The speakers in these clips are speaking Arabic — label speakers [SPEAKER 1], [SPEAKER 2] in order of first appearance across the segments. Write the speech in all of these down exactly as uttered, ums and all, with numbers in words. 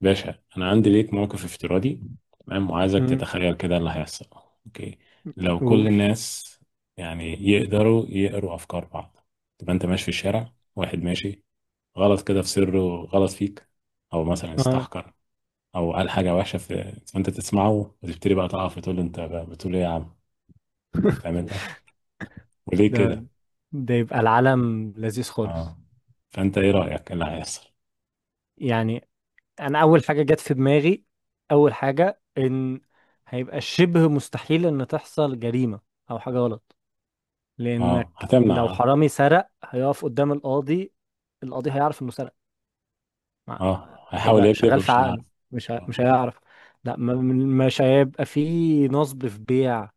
[SPEAKER 1] باشا، انا عندي ليك موقف افتراضي. تمام، وعايزك
[SPEAKER 2] امم
[SPEAKER 1] تتخيل كده اللي هيحصل. اوكي، لو كل
[SPEAKER 2] قول.
[SPEAKER 1] الناس يعني يقدروا يقروا افكار بعض، تبقى انت ماشي في الشارع، واحد ماشي غلط كده في سره، غلط فيك او مثلا
[SPEAKER 2] اه
[SPEAKER 1] استحقر او قال حاجه وحشه في، فانت تسمعه وتبتدي بقى تقف وتقول له: انت بقى بتقول ايه يا عم؟ تعمل ده وليه
[SPEAKER 2] ده
[SPEAKER 1] كده؟
[SPEAKER 2] ده يبقى العالم لذيذ خالص.
[SPEAKER 1] اه. فانت ايه رايك اللي هيحصل؟
[SPEAKER 2] يعني انا اول حاجه جت في دماغي، اول حاجه ان هيبقى شبه مستحيل ان تحصل جريمه او حاجه غلط،
[SPEAKER 1] اه،
[SPEAKER 2] لانك
[SPEAKER 1] هتمنع.
[SPEAKER 2] لو
[SPEAKER 1] اه.
[SPEAKER 2] حرامي سرق هيقف قدام القاضي، القاضي هيعرف انه سرق. مع-
[SPEAKER 1] اه، هيحاول
[SPEAKER 2] هيبقى
[SPEAKER 1] يكذب
[SPEAKER 2] شغال في
[SPEAKER 1] مش
[SPEAKER 2] عقله.
[SPEAKER 1] هيعرف.
[SPEAKER 2] مش ه-
[SPEAKER 1] اه.
[SPEAKER 2] مش هيعرف. لا ما- مش هيبقى فيه نصب في بيع،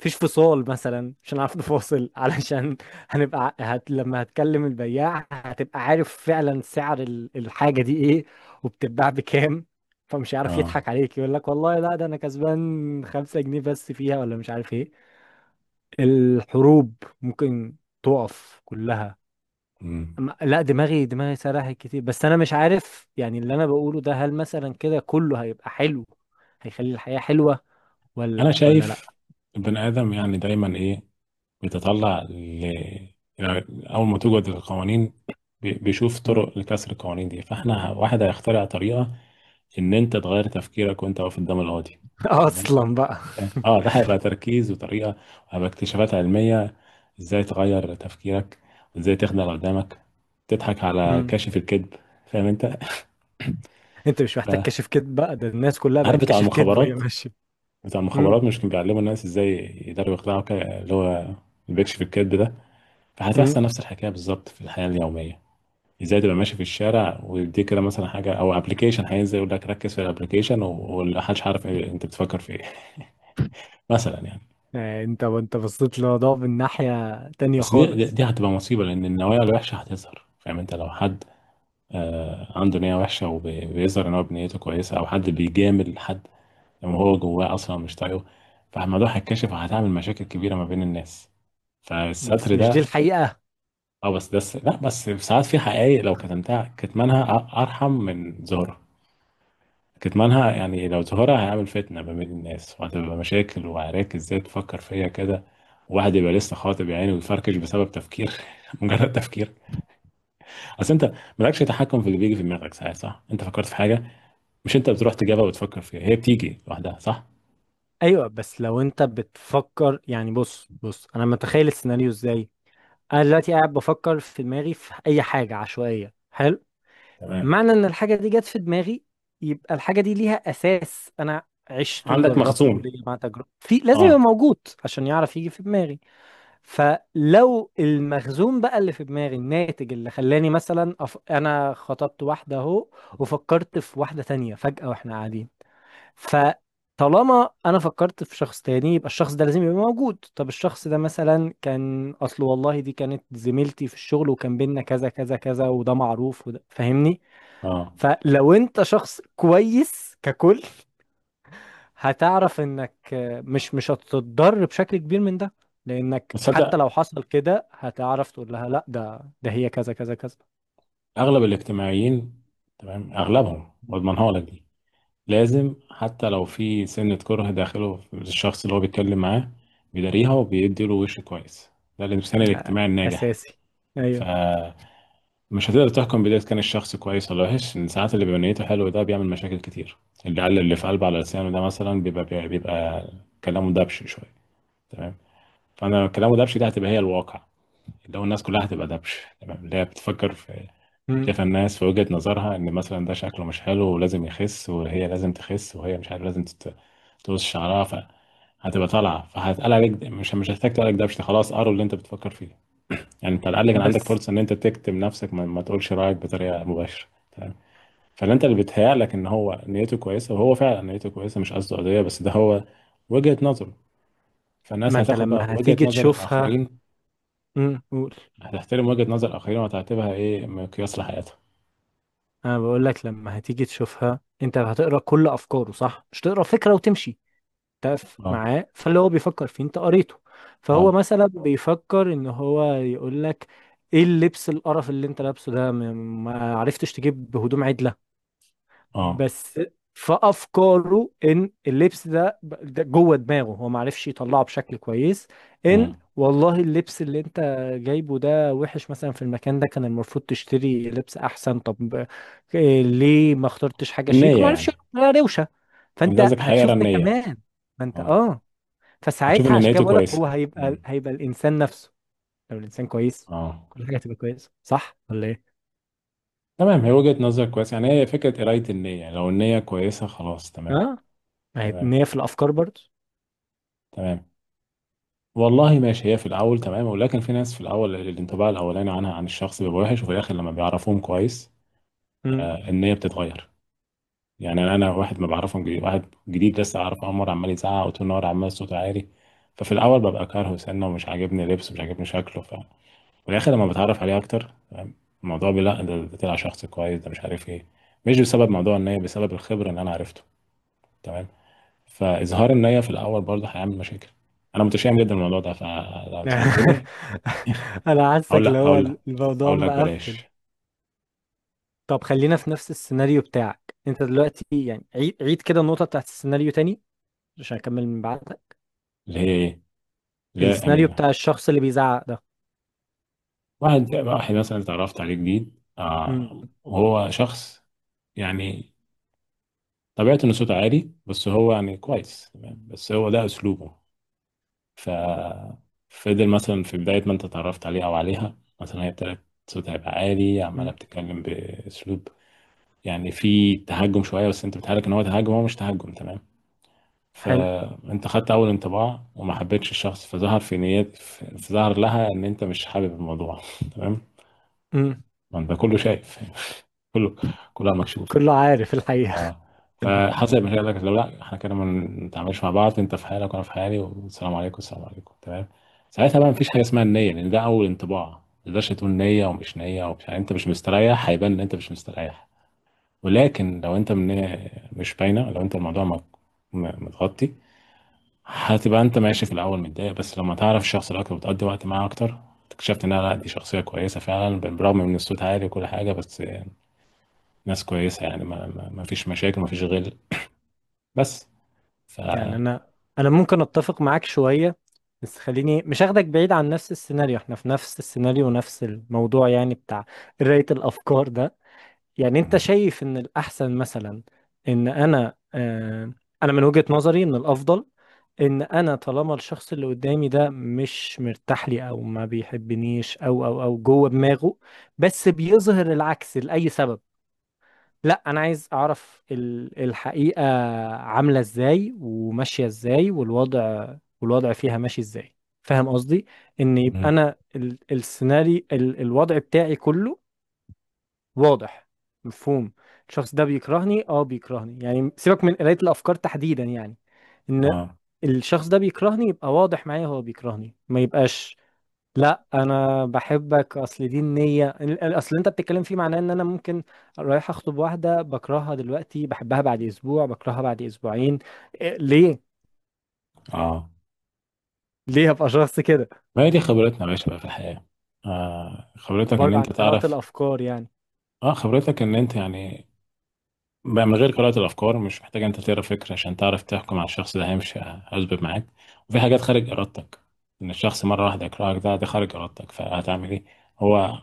[SPEAKER 2] مفيش فصال مثلا، مش هنعرف نفاصل، علشان هنبقى هت... لما هتكلم البياع هتبقى عارف فعلا سعر ال- الحاجة دي ايه، وبتتباع بكام. فمش عارف
[SPEAKER 1] آه.
[SPEAKER 2] يضحك عليك، يقول لك والله لا ده انا كسبان خمسة جنيه بس فيها، ولا مش عارف ايه. الحروب ممكن تقف كلها.
[SPEAKER 1] مم.
[SPEAKER 2] أما- لا، دماغي دماغي سرحت كتير، بس انا مش عارف يعني اللي انا بقوله ده هل مثلا كده كله هيبقى حلو، هيخلي الحياة حلوة،
[SPEAKER 1] انا
[SPEAKER 2] ولا ولا لا.
[SPEAKER 1] شايف البني ادم يعني دايما ايه، بيتطلع ل... يعني، اول ما توجد القوانين بي- بيشوف
[SPEAKER 2] مم.
[SPEAKER 1] طرق لكسر القوانين دي، فاحنا واحد هيخترع طريقه ان انت تغير تفكيرك وانت واقف قدام القاضي. تمام.
[SPEAKER 2] اصلا بقى.
[SPEAKER 1] اه، ده هيبقى تركيز وطريقه، وهيبقى اكتشافات علميه ازاي تغير تفكيرك وازاي تخدع اللي قدامك، تضحك على
[SPEAKER 2] مم.
[SPEAKER 1] كاشف الكذب. فاهم انت؟
[SPEAKER 2] انت مش محتاج
[SPEAKER 1] فعارف
[SPEAKER 2] كشف كذب بقى، ده الناس كلها بقت
[SPEAKER 1] بتاع
[SPEAKER 2] كشف كذب وهي
[SPEAKER 1] المخابرات
[SPEAKER 2] ماشيه.
[SPEAKER 1] بتاع
[SPEAKER 2] مم.
[SPEAKER 1] المخابرات مش كان بيعلموا الناس ازاي يقدروا يخدعوا كده، اللي هو البيكش في الكذب ده؟ فهتحصل
[SPEAKER 2] مم.
[SPEAKER 1] نفس الحكايه بالظبط في الحياه اليوميه. ازاي تبقى ماشي في الشارع ويديك كده مثلا حاجه او ابلكيشن هينزل يقول لك ركز في الابلكيشن، ومحدش عارف إيه انت بتفكر في ايه. مثلا يعني.
[SPEAKER 2] آه، انت وانت بصيت للموضوع من ناحيه تانية
[SPEAKER 1] بس دي دي
[SPEAKER 2] خالص.
[SPEAKER 1] دي هتبقى مصيبه، لان النوايا الوحشه هتظهر. فاهم انت؟ لو حد آه عنده نيه وحشه وبيظهر ان هو بنيته كويسه، او حد بيجامل حد لما هو جواه اصلا مش طايقه، فالموضوع هيتكشف وهتعمل مشاكل كبيره ما بين الناس.
[SPEAKER 2] بس
[SPEAKER 1] فالستر
[SPEAKER 2] مش دي
[SPEAKER 1] ده.
[SPEAKER 2] الحقيقه.
[SPEAKER 1] اه، بس ده الس- لا، بس ساعات في حقائق لو كتمتها، كتمانها أ- ارحم من ظهورها. كتمانها يعني، لو ظهرها هيعمل فتنة ما بين الناس، وهتبقى مشاكل وعراك. ازاي تفكر فيا كده؟ واحد يبقى لسه خاطب يعني ويفركش بسبب تفكير؟ مجرد تفكير. اصل انت مالكش تحكم في اللي بيجي في دماغك ساعات، صح؟ انت فكرت في حاجة، مش انت بتروح تجيبها وتفكر فيها، هي بتيجي لوحدها، صح؟
[SPEAKER 2] ايوه، بس لو انت بتفكر، يعني بص بص انا متخيل السيناريو ازاي. انا دلوقتي قاعد بفكر في دماغي في اي حاجه عشوائيه، حلو.
[SPEAKER 1] تمام،
[SPEAKER 2] معنى ان الحاجه دي جت في دماغي، يبقى الحاجه دي ليها اساس، انا عشته،
[SPEAKER 1] عندك
[SPEAKER 2] جربته،
[SPEAKER 1] مخزون.
[SPEAKER 2] ليا مع تجربه في، لازم
[SPEAKER 1] اه.
[SPEAKER 2] يبقى موجود عشان يعرف يجي في دماغي. فلو المخزون بقى اللي في دماغي الناتج اللي خلاني مثلا أف... انا خطبت واحده اهو، وفكرت في واحده تانية فجأة واحنا قاعدين. فطالما انا فكرت في شخص تاني، يبقى الشخص ده لازم يبقى موجود. طب الشخص ده مثلا كان اصل والله دي كانت زميلتي في الشغل، وكان بينا كذا كذا كذا، وده معروف، وده فاهمني.
[SPEAKER 1] اه.
[SPEAKER 2] فلو انت شخص كويس ككل، هتعرف انك مش مش هتتضر بشكل كبير من ده، لانك حتى
[SPEAKER 1] بتصدق؟
[SPEAKER 2] لو حصل كده هتعرف تقول لها لا، ده ده هي كذا كذا كذا.
[SPEAKER 1] اغلب الاجتماعيين، تمام، اغلبهم، واضمنها لك دي. لازم حتى لو في سنة كره داخله في الشخص اللي هو بيتكلم معاه، بيداريها وبيدي له وش كويس. ده الإنسان
[SPEAKER 2] آه،
[SPEAKER 1] الاجتماعي الناجح.
[SPEAKER 2] اساسي. ايوه.
[SPEAKER 1] فمش هتقدر تحكم بداية كان الشخص كويس ولا وحش، إن ساعات اللي بيبقى نيته حلوة ده بيعمل مشاكل كتير. اللي قال اللي في قلبه على لسانه ده مثلا بيبقى بيبقى, بيبقى كلامه دبش شوية. تمام. فأنا كلامه دبش دي هتبقى هي الواقع، اللي هو الناس كلها هتبقى دبش. تمام، اللي هي بتفكر في،
[SPEAKER 2] مم.
[SPEAKER 1] شايف الناس في وجهة نظرها ان مثلا ده شكله مش حلو ولازم يخس، وهي لازم تخس، وهي مش عارف لازم تت- تقص شعرها، فهتبقى طالعه، فهتقال عليك ده- مش مش هتحتاج تقول عليك ده، مش خلاص قروا اللي انت بتفكر فيه. يعني انت على الاقل كان عندك
[SPEAKER 2] بس
[SPEAKER 1] فرصه ان انت تكتم نفسك، ما, ما تقولش رايك بطريقه مباشره. تمام. فاللي انت، اللي بيتهيأ لك ان هو نيته كويسه وهو فعلا نيته كويسه، مش قصده قضيه، بس ده هو وجهة نظره.
[SPEAKER 2] ما
[SPEAKER 1] فالناس
[SPEAKER 2] انت
[SPEAKER 1] هتاخد بقى
[SPEAKER 2] لما
[SPEAKER 1] وجهة
[SPEAKER 2] هتيجي
[SPEAKER 1] نظر
[SPEAKER 2] تشوفها.
[SPEAKER 1] الاخرين.
[SPEAKER 2] مم. قول.
[SPEAKER 1] هتحترم وجهة نظر الاخرين وهتعتبرها ايه، مقياس لحياتها.
[SPEAKER 2] انا بقول لك لما هتيجي تشوفها انت هتقرا كل افكاره، صح؟ مش تقرا فكرة وتمشي، تف
[SPEAKER 1] اه.
[SPEAKER 2] معاه، فاللي هو بيفكر فيه انت قريته. فهو
[SPEAKER 1] اه.
[SPEAKER 2] مثلا بيفكر ان هو يقول لك ايه اللبس القرف اللي انت لابسه ده، م- ما عرفتش تجيب هدوم عدله،
[SPEAKER 1] اه.
[SPEAKER 2] بس. فافكاره ان اللبس ده ده جوه دماغه، هو ما عرفش يطلعه بشكل كويس، ان
[SPEAKER 1] مم.
[SPEAKER 2] والله اللبس اللي انت جايبه ده وحش مثلا، في المكان ده كان المفروض تشتري لبس احسن. طب إيه ليه ما اخترتش حاجه شيك،
[SPEAKER 1] النية
[SPEAKER 2] وما عرفش
[SPEAKER 1] يعني.
[SPEAKER 2] يقول لها روشه.
[SPEAKER 1] انت
[SPEAKER 2] فانت
[SPEAKER 1] قصدك هيقرا
[SPEAKER 2] هتشوف ده
[SPEAKER 1] النية؟
[SPEAKER 2] كمان. فانت
[SPEAKER 1] اه،
[SPEAKER 2] اه،
[SPEAKER 1] هتشوف
[SPEAKER 2] فساعتها
[SPEAKER 1] ان
[SPEAKER 2] عشان كده
[SPEAKER 1] نيته
[SPEAKER 2] بقول لك
[SPEAKER 1] كويسة.
[SPEAKER 2] هو هيبقى
[SPEAKER 1] مم.
[SPEAKER 2] هيبقى الانسان نفسه. لو الانسان كويس،
[SPEAKER 1] اه.
[SPEAKER 2] كل حاجه هتبقى كويسه، صح ولا ايه؟
[SPEAKER 1] تمام، هي وجهة نظر كويسة يعني، هي فكرة قراية النية. يعني لو النية كويسة خلاص. تمام.
[SPEAKER 2] اه، يعني
[SPEAKER 1] تمام.
[SPEAKER 2] نية في الافكار برضه.
[SPEAKER 1] تمام. والله ماشي، هي في الأول تمام، ولكن في ناس في الأول الانطباع الأولاني عنها، عن الشخص، بيبقى وحش، وفي الآخر لما بيعرفوهم كويس،
[SPEAKER 2] امم.
[SPEAKER 1] آه، النية بتتغير. يعني أنا واحد ما بعرفهم جديد، واحد جديد لسه أعرفه أول مرة، عمال يزعق وطول النهار عمال صوته عالي. ففي الأول ببقى كارهه سنة ومش عاجبني لبسه مش عاجبني شكله. في الاخر لما بتعرف عليه اكتر، فاهم؟ الموضوع بي- لا، ده ده طلع شخص كويس، ده مش عارف ايه. مش بسبب موضوع النية، بسبب الخبرة اللي انا عرفته. تمام. فاظهار النية في الاول برضه هيعمل مشاكل. انا متشائم جدا بالموضوع ده. فلو سألتني،
[SPEAKER 2] انا
[SPEAKER 1] اقول
[SPEAKER 2] حاسك اللي
[SPEAKER 1] لا،
[SPEAKER 2] هو
[SPEAKER 1] اقول لا،
[SPEAKER 2] الموضوع
[SPEAKER 1] اقول لك
[SPEAKER 2] مقفل.
[SPEAKER 1] بلاش.
[SPEAKER 2] طب خلينا في نفس السيناريو بتاعك انت دلوقتي، يعني عيد عيد كده النقطه بتاعت السيناريو تاني عشان اكمل من بعدها.
[SPEAKER 1] ليه؟ ايه؟ لا
[SPEAKER 2] السيناريو
[SPEAKER 1] يعني،
[SPEAKER 2] بتاع الشخص اللي بيزعق ده.
[SPEAKER 1] واحد واحد مثلا اتعرفت عليه جديد، آه،
[SPEAKER 2] امم.
[SPEAKER 1] وهو شخص يعني طبيعته انه صوته عالي، بس هو يعني كويس. تمام، بس هو ده اسلوبه. ف فضل مثلا، في بداية ما انت اتعرفت عليها او عليها، مثلا هي ابتدت صوتها يبقى عالي، عمالة
[SPEAKER 2] امم.
[SPEAKER 1] بتتكلم بأسلوب، يعني في تهجم شوية، بس انت بتهالك ان هو تهجم، هو مش تهجم. تمام.
[SPEAKER 2] حلو.
[SPEAKER 1] فانت خدت اول انطباع وما حبيتش الشخص، فظهر في نيات فظهر لها ان انت مش حابب الموضوع. تمام.
[SPEAKER 2] امم.
[SPEAKER 1] ما انت كله شايف. كله، كلها مكشوف.
[SPEAKER 2] كله عارف الحقيقه.
[SPEAKER 1] اه. فحسب ما هي قال لك لو لا احنا كده ما نتعاملش مع بعض، انت في حالك وانا في حالي، والسلام عليكم، السلام عليكم. تمام. ساعتها بقى مفيش حاجه اسمها النيه، لان ده اول انطباع، ما تقدرش تقول نيه ومش نيه، ومش يعني انت مش مستريح هيبان ان انت مش مستريح. ولكن لو انت من، مش باينه، لو انت الموضوع مك- م- متغطي، هتبقى انت ماشي في الاول متضايق، بس لما تعرف الشخص ده اكتر وتقضي وقت معاه اكتر، اكتشفت انها لا، دي شخصيه كويسه فعلا، بالرغم من الصوت عالي وكل حاجه. بس، ناس كويسه يعني، ما, ما ما فيش مشاكل، ما فيش غل. بس. ف
[SPEAKER 2] يعني انا انا ممكن اتفق معاك شويه، بس خليني مش هاخدك بعيد عن نفس السيناريو. احنا في نفس السيناريو ونفس الموضوع يعني بتاع قرايه الافكار ده. يعني انت
[SPEAKER 1] مم.
[SPEAKER 2] شايف ان الاحسن مثلا ان انا آه، انا من وجهه نظري ان الافضل ان انا طالما الشخص اللي قدامي ده مش مرتاح لي او ما بيحبنيش، او او او جوه دماغه بس بيظهر العكس لاي سبب، لا انا عايز اعرف ال- الحقيقة، عاملة ازاي وماشية ازاي، والوضع والوضع فيها ماشي ازاي. فاهم قصدي؟ ان يبقى
[SPEAKER 1] مم.
[SPEAKER 2] انا ال- السيناريو ال- الوضع بتاعي كله واضح مفهوم. الشخص ده بيكرهني، اه بيكرهني يعني، سيبك من قراية الافكار تحديدا، يعني ان
[SPEAKER 1] اه.
[SPEAKER 2] الشخص ده بيكرهني، يبقى واضح معايا هو بيكرهني، ما يبقاش لا انا بحبك. اصل دي النيه ال- ال- اصل انت بتتكلم فيه، معناه ان انا ممكن رايح اخطب واحده بكرهها دلوقتي، بحبها بعد اسبوع، بكرهها بعد اسبوعين، إيه ليه،
[SPEAKER 1] اه.
[SPEAKER 2] ليه هبقى شخص كده؟
[SPEAKER 1] ما هي دي خبرتنا يا باشا بقى في الحياة. آه، خبرتك ان
[SPEAKER 2] بره عن
[SPEAKER 1] انت
[SPEAKER 2] قراءه
[SPEAKER 1] تعرف.
[SPEAKER 2] الافكار يعني.
[SPEAKER 1] اه، خبرتك ان انت يعني، بقى من غير قراءة الافكار، مش محتاج انت تقرا فكرة عشان تعرف تحكم على الشخص ده هيمشي هيظبط معاك، وفي حاجات خارج ارادتك، ان الشخص مرة واحدة يكرهك ده ده خارج ارادتك، فهتعمل ايه؟ هو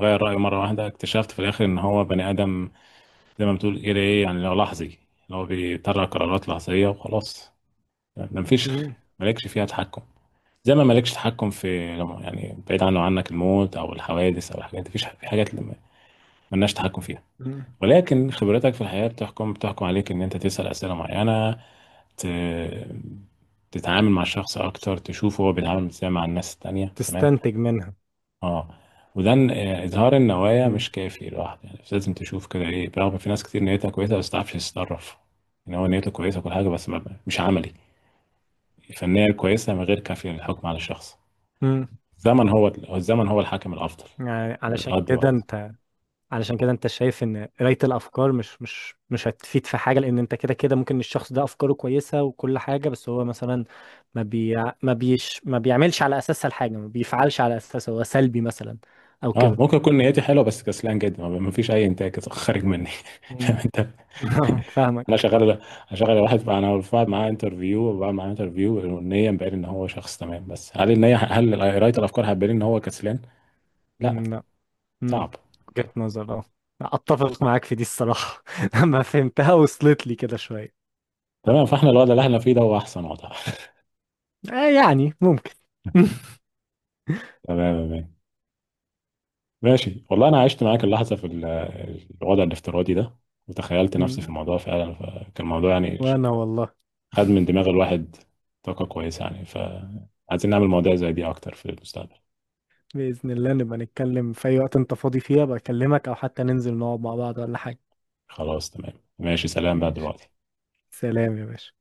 [SPEAKER 1] غير رأيه مرة واحدة، اكتشفت في الاخر ان هو بني ادم، زي ما بتقول كده ايه يعني، لو لحظي، اللي هو بيطلع قرارات لحظية وخلاص. ده مفيش،
[SPEAKER 2] مم.
[SPEAKER 1] مالكش فيها تحكم، زي ما مالكش تحكم في، يعني بعيد عنه عنك، الموت او الحوادث او الحاجات دي، مفيش، في حاجات اللي مالناش تحكم فيها.
[SPEAKER 2] مم.
[SPEAKER 1] ولكن خبرتك في الحياه بتحكم بتحكم عليك ان انت تسال اسئله معينه، ت... تتعامل مع الشخص اكتر، تشوف هو بيتعامل ازاي مع الناس التانية. تمام.
[SPEAKER 2] تستنتج منها.
[SPEAKER 1] اه. وده إن- آه، اظهار النوايا
[SPEAKER 2] مم.
[SPEAKER 1] مش كافي لوحده، يعني لازم تشوف كده ايه، برغم في ناس كتير نيتها كويسه بس تعرفش تتصرف ان هو نيته كويسه وكل حاجه، بس ما- مش عملي. الفنيه الكويسه من غير كافيه للحكم على الشخص.
[SPEAKER 2] مم.
[SPEAKER 1] الزمن هو الزمن هو الحاكم الافضل.
[SPEAKER 2] يعني
[SPEAKER 1] انت
[SPEAKER 2] علشان
[SPEAKER 1] تقضي
[SPEAKER 2] كده
[SPEAKER 1] وقت.
[SPEAKER 2] انت، علشان كده انت شايف ان قراية الافكار مش مش مش هتفيد في حاجة، لان انت كده كده ممكن الشخص ده افكاره كويسة وكل حاجة، بس هو مثلا ما بي ما بيش ما بيعملش على اساسها الحاجة، ما بيفعلش على اساسها، هو سلبي مثلا او
[SPEAKER 1] اه،
[SPEAKER 2] كده.
[SPEAKER 1] ممكن يكون نيتي حلوه بس كسلان جدا، ما ما فيش اي انتاج خارج مني.
[SPEAKER 2] مم.
[SPEAKER 1] لا، انت. انا
[SPEAKER 2] فاهمك.
[SPEAKER 1] شغال، شغال واحد، انا بعمل معاه انترفيو وبعمل معاه انترفيو، والنيه مبين ان هو شخص تمام، بس هل النيه، هل قرايه الافكار هتبين ان هو كسلان؟
[SPEAKER 2] مم،
[SPEAKER 1] لا.
[SPEAKER 2] لا. مم،
[SPEAKER 1] صعب.
[SPEAKER 2] وجهة نظر اه، اتفق معاك في دي الصراحة. لما فهمتها وصلت لي كده شوية.
[SPEAKER 1] تمام، فاحنا الوضع اللي احنا فيه ده هو احسن وضع.
[SPEAKER 2] آه، يعني ممكن.
[SPEAKER 1] تمام. تمام. ماشي والله، انا عشت معاك اللحظه في ال- الوضع الافتراضي ده، وتخيلت نفسي في
[SPEAKER 2] مم،
[SPEAKER 1] الموضوع فعلا، فكان الموضوع يعني
[SPEAKER 2] وانا والله.
[SPEAKER 1] خد من دماغ الواحد طاقة كويسة، يعني فعايزين نعمل مواضيع زي دي أكتر في المستقبل.
[SPEAKER 2] بإذن الله نبقى نتكلم في أي وقت أنت فاضي فيها بكلمك، أو حتى ننزل نقعد مع بعض ولا حاجة.
[SPEAKER 1] خلاص. تمام. ماشي. سلام بقى
[SPEAKER 2] ماشي،
[SPEAKER 1] دلوقتي.
[SPEAKER 2] سلام يا باشا.